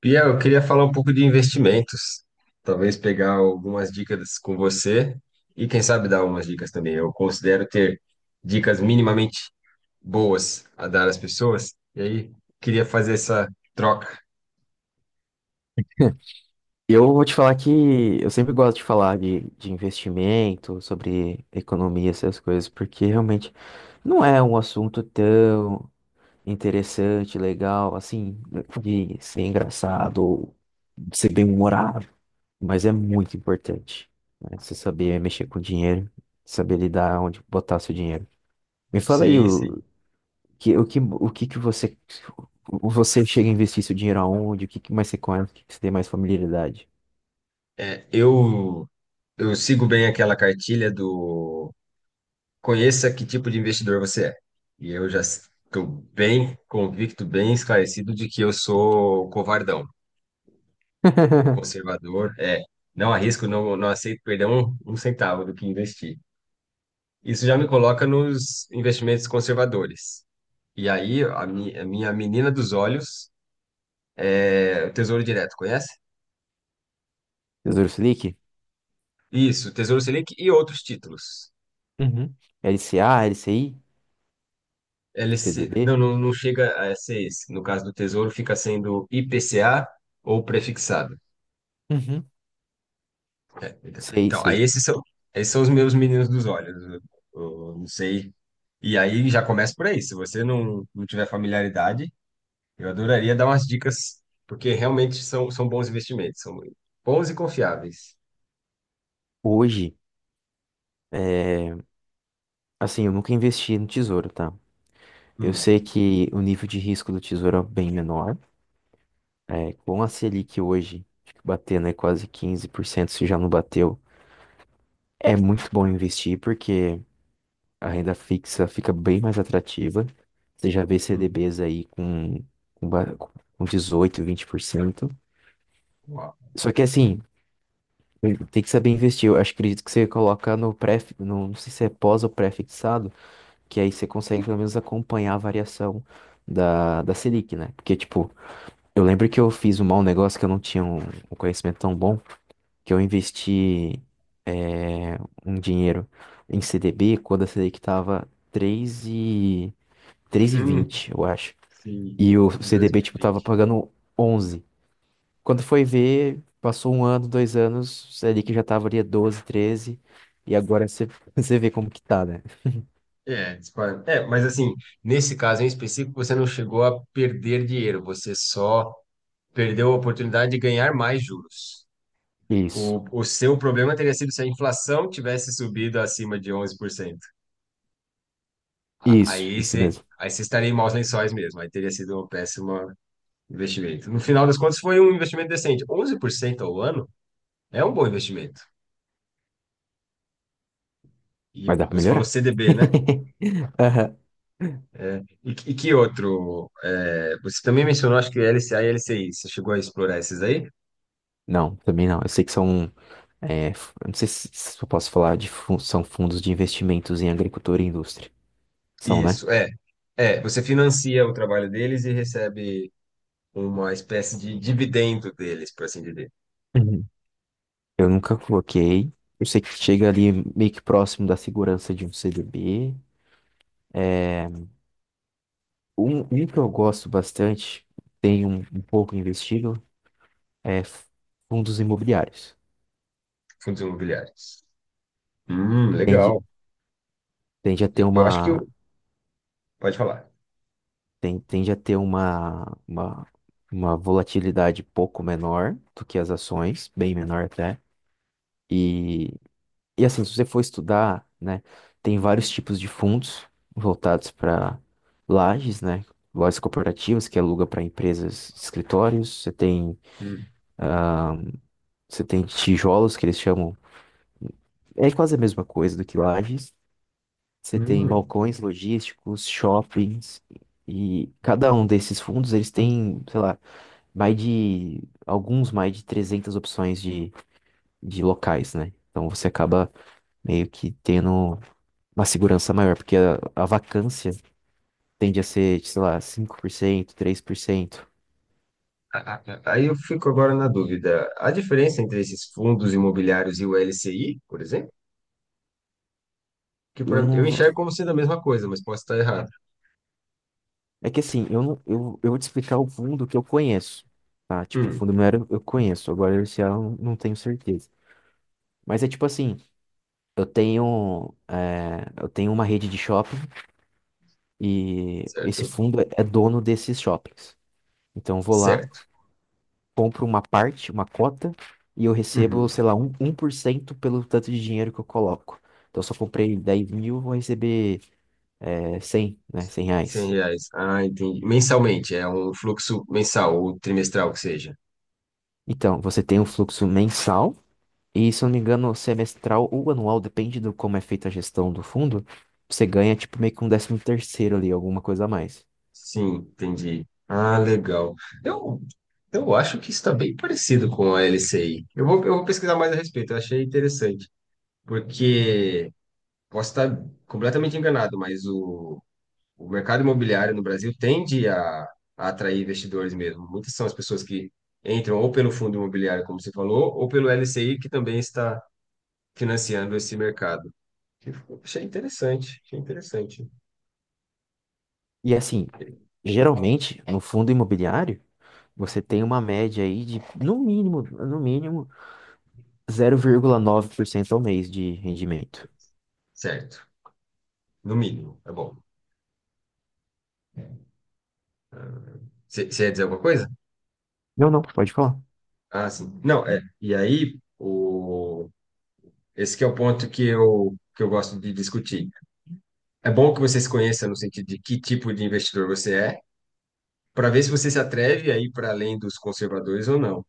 Pia, eu queria falar um pouco de investimentos. Talvez pegar algumas dicas com você e, quem sabe, dar umas dicas também. Eu considero ter dicas minimamente boas a dar às pessoas. E aí, queria fazer essa troca. E eu vou te falar que eu sempre gosto de falar de investimento, sobre economia, essas coisas, porque realmente não é um assunto tão interessante, legal, assim, de ser engraçado ou de ser bem-humorado, mas é muito importante, né? Você saber mexer com dinheiro, saber lidar onde botar seu dinheiro. Me fala aí Sim, sim. o que, o que, o que que você, você chega a investir seu dinheiro aonde, o que que mais você conhece, o que que você tem mais familiaridade? É, eu, eu sigo bem aquela cartilha do conheça que tipo de investidor você é. E eu já estou bem convicto, bem esclarecido de que eu sou covardão. Conservador, é. Não arrisco, não, não aceito perder um centavo do que investi. Isso já me coloca nos investimentos conservadores. E aí, a minha menina dos olhos, é, o Tesouro Direto, conhece? Tesouro Selic? Isso, Tesouro Selic e outros títulos. Uhum, LCA, LCI, Eles, se- CDB? não, não, não chega a ser esse. No caso do Tesouro, fica sendo IPCA ou prefixado. Uhum, sei, Então, sei. Esses são os meus meninos dos olhos. Eu não sei. E aí já começa por aí. Se você não tiver familiaridade, eu adoraria dar umas dicas, porque realmente são bons investimentos, são bons e confiáveis. Hoje, é, assim, eu nunca investi no tesouro, tá? Eu Hum, sei que o nível de risco do tesouro é bem menor. É, com a Selic hoje, acho que batendo aí quase 15%, se já não bateu, é muito bom investir porque a renda fixa fica bem mais atrativa. Você já vê hum, CDBs aí com dezoito, vinte por cento. uau. Só que assim, tem que saber investir. Eu acho, acredito que você coloca no pré, no, não sei se é pós ou pré-fixado, que aí você consegue pelo menos acompanhar a variação da Selic, né? Porque, tipo, eu lembro que eu fiz um mau negócio que eu não tinha um conhecimento tão bom, que eu investi eh, um dinheiro em CDB quando a Selic tava três e Hum, vinte, eu acho. sim, E o CDB, tipo, tava 2020. pagando onze, quando foi ver, passou um ano, dois anos, você ali que já tava ali há 12, 13, e agora você, você vê como que tá, né? Mas assim, nesse caso em específico, você não chegou a perder dinheiro, você só perdeu a oportunidade de ganhar mais juros. Isso, O seu problema teria sido se a inflação tivesse subido acima de 11%. A- Aí isso você, mesmo. aí você estaria em maus lençóis mesmo, aí teria sido uma péssima, investimento. No final das contas, foi um investimento decente. Onze por cento ao ano é um bom investimento. E Mas dá pra você falou melhorar. CDB, né? Aham. E, que outro? É, você também mencionou, acho que LCA e LCI. Você chegou a explorar esses aí? Não, também não. Eu sei que são. Eu não sei se eu posso falar de fun- são fundos de investimentos em agricultura e indústria. São, né? Isso, é. É, você financia o trabalho deles e recebe uma espécie de dividendo deles, por assim dizer, Uhum. Eu nunca coloquei. Eu sei que chega ali meio que próximo da segurança de um CDB. Um que eu gosto bastante, tem um pouco investido, é f- fundos imobiliários. fundos imobiliários. Tende, Legal. tende a ter Eu acho que... uma, Pode falar. Tende a ter uma volatilidade pouco menor do que as ações, bem menor até. E, e assim, se você for estudar, né, tem vários tipos de fundos voltados para lajes, né? Lojas corporativas que aluga para empresas, escritórios, Hum. você tem tijolos que eles chamam é quase a mesma coisa do que lajes. Você tem Hum. balcões logísticos, shoppings, e cada um desses fundos, eles têm, sei lá, mais de, alguns mais de 300 opções de locais, né? Então você acaba meio que tendo uma segurança maior, porque a vacância tende a ser, sei lá, cinco por cento, três por cento. Aí eu fico agora na dúvida. A diferença entre esses fundos imobiliários e o LCI, por exemplo, Eu eu não... vou- enxergo como sendo a mesma coisa, mas posso estar errado. É que assim, eu não, eu vou te explicar o fundo que eu conheço, tá? Tipo, o Hum, fundo imobiliário eu conheço, agora esse ano eu não tenho certeza. Mas é tipo assim, eu tenho, eu tenho uma rede de shopping e esse certo? fundo é dono desses shoppings. Então eu vou lá, Certo. compro uma parte, uma cota, e eu recebo, Uhum. sei lá, um por cento pelo tanto de dinheiro que eu coloco. Então se eu só comprei 10 mil, vou receber 100, né? Cem 100 reais. reais. Ah, entendi. Mensalmente, é um fluxo mensal ou trimestral que seja. Então, você tem um fluxo mensal e, se eu não me engano, semestral ou anual, depende do como é feita a gestão do fundo, você ganha tipo meio que um décimo terceiro ali, alguma coisa a mais. Sim, entendi. Ah, legal. Eu, eu acho que está bem parecido com a LCI. Eu vou pesquisar mais a respeito, eu achei interessante, porque posso estar completamente enganado, mas o mercado imobiliário no Brasil tende a atrair investidores mesmo. Muitas são as pessoas que entram ou pelo fundo imobiliário, como você falou, ou pelo LCI, que também está financiando esse mercado. Eu Achei interessante, achei interessante. E assim, geralmente, no fundo imobiliário, você tem uma média aí de, no mínimo, zero vírgula nove por cento ao mês de rendimento. Certo, no mínimo, é bom. Você ia dizer alguma coisa? Não, não, pode falar. Ah, sim. Não, é. E aí, esse que é o ponto que eu gosto de discutir. É bom que você se conheça no sentido de que tipo de investidor você é, para ver se você se atreve aí para além dos conservadores ou não.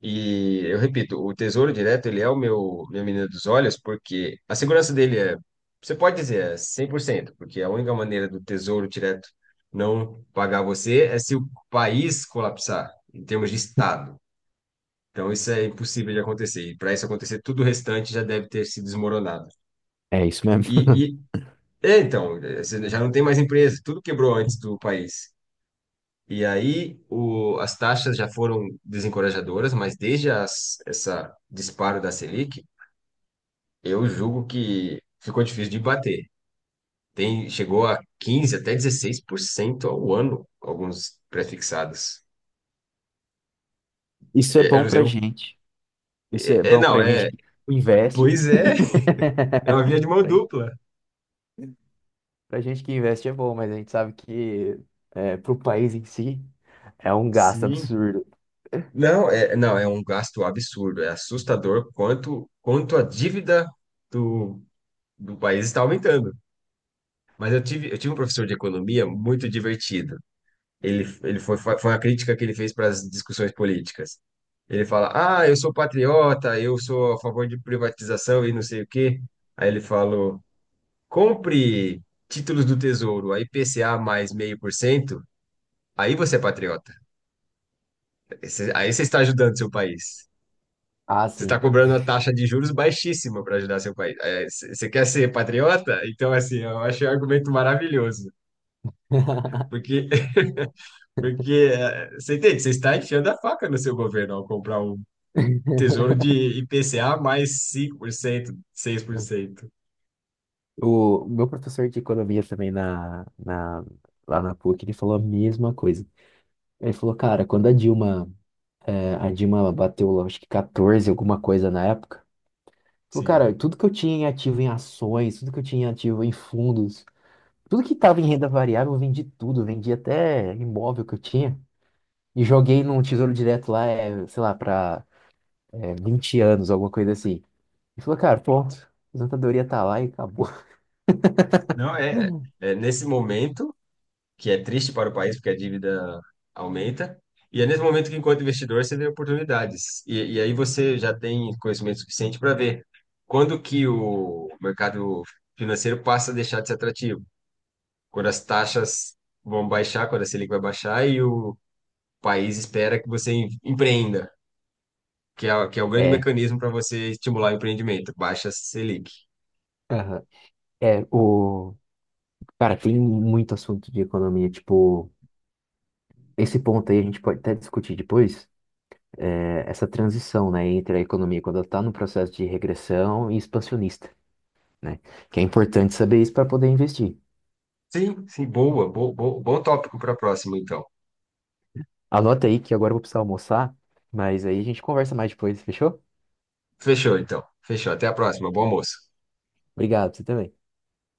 E eu repito, o Tesouro Direto, ele é o meu minha menina dos olhos, porque a segurança dele é, você pode dizer, é 100% porque a única maneira do Tesouro Direto não pagar você é se o país colapsar, em termos de Estado. Então isso é impossível de acontecer. E para isso acontecer, tudo o restante já deve ter se desmoronado. É isso mesmo. E, e é, então, é, você já não tem mais empresa, tudo quebrou antes do país. E aí as taxas já foram desencorajadoras, mas essa disparo da Selic, eu julgo que ficou difícil de bater. Chegou a 15 até 16% ao ano, alguns prefixados. Isso é É, eu bom não sei. pra eu- gente. Isso é É, é, bom não, pra gente é. que investe. Pois é, é uma via de mão Pra, gen- dupla. Pra gente que investe é bom, mas a gente sabe que é, pro país em si é um gasto Sim. absurdo. Não, é um gasto absurdo. É assustador quanto a dívida do, do país está aumentando. Mas eu tive um professor de economia muito divertido. Ele foi a crítica que ele fez para as discussões políticas. Ele fala: ah, eu sou patriota, eu sou a favor de privatização e não sei o quê. Aí ele falou: compre títulos do Tesouro, a IPCA mais 0,5%, aí você é patriota. Aí você está ajudando seu país. Ah, Você está sim. cobrando uma taxa de juros baixíssima para ajudar seu país. Você quer ser patriota? Então, assim, eu achei um argumento maravilhoso. Porque, porque você entende? Você está enfiando a faca no seu governo ao comprar um Tesouro de IPCA mais 5%, 6%. O meu professor de economia também lá na PUC, ele falou a mesma coisa. Ele falou, cara, quando a Dilma, a Dilma bateu, lá, acho que 14, alguma coisa na época, falou, cara, Sim. tudo que eu tinha em ativo em ações, tudo que eu tinha em ativo em fundos, tudo que tava em renda variável, eu vendi tudo, eu vendi até imóvel que eu tinha e joguei num tesouro direto lá, sei lá, pra 20 anos, alguma coisa assim. Ele falou, cara, pronto, a aposentadoria tá lá e acabou. Não, é, nesse momento, que é triste para o país, porque a dívida aumenta, e é nesse momento que, enquanto investidor, você vê oportunidades. Aí você já tem conhecimento suficiente para ver quando que o mercado financeiro passa a deixar de ser atrativo, quando as taxas vão baixar, quando a Selic vai baixar e o país espera que você empreenda. Que é o grande É, mecanismo para você estimular o empreendimento, baixa Selic. aham. é, o... Cara, tem muito assunto de economia, tipo, esse ponto aí a gente pode até discutir depois, essa transição, né, entre a economia quando ela está no processo de regressão e expansionista, né? Que é importante saber isso para poder investir. Sim, sim, bom tópico para a próxima, então. Anota aí que agora eu vou precisar almoçar, mas aí a gente conversa mais depois, fechou? Fechou, então. Fechou. Até a próxima. Bom almoço. Obrigado, você também.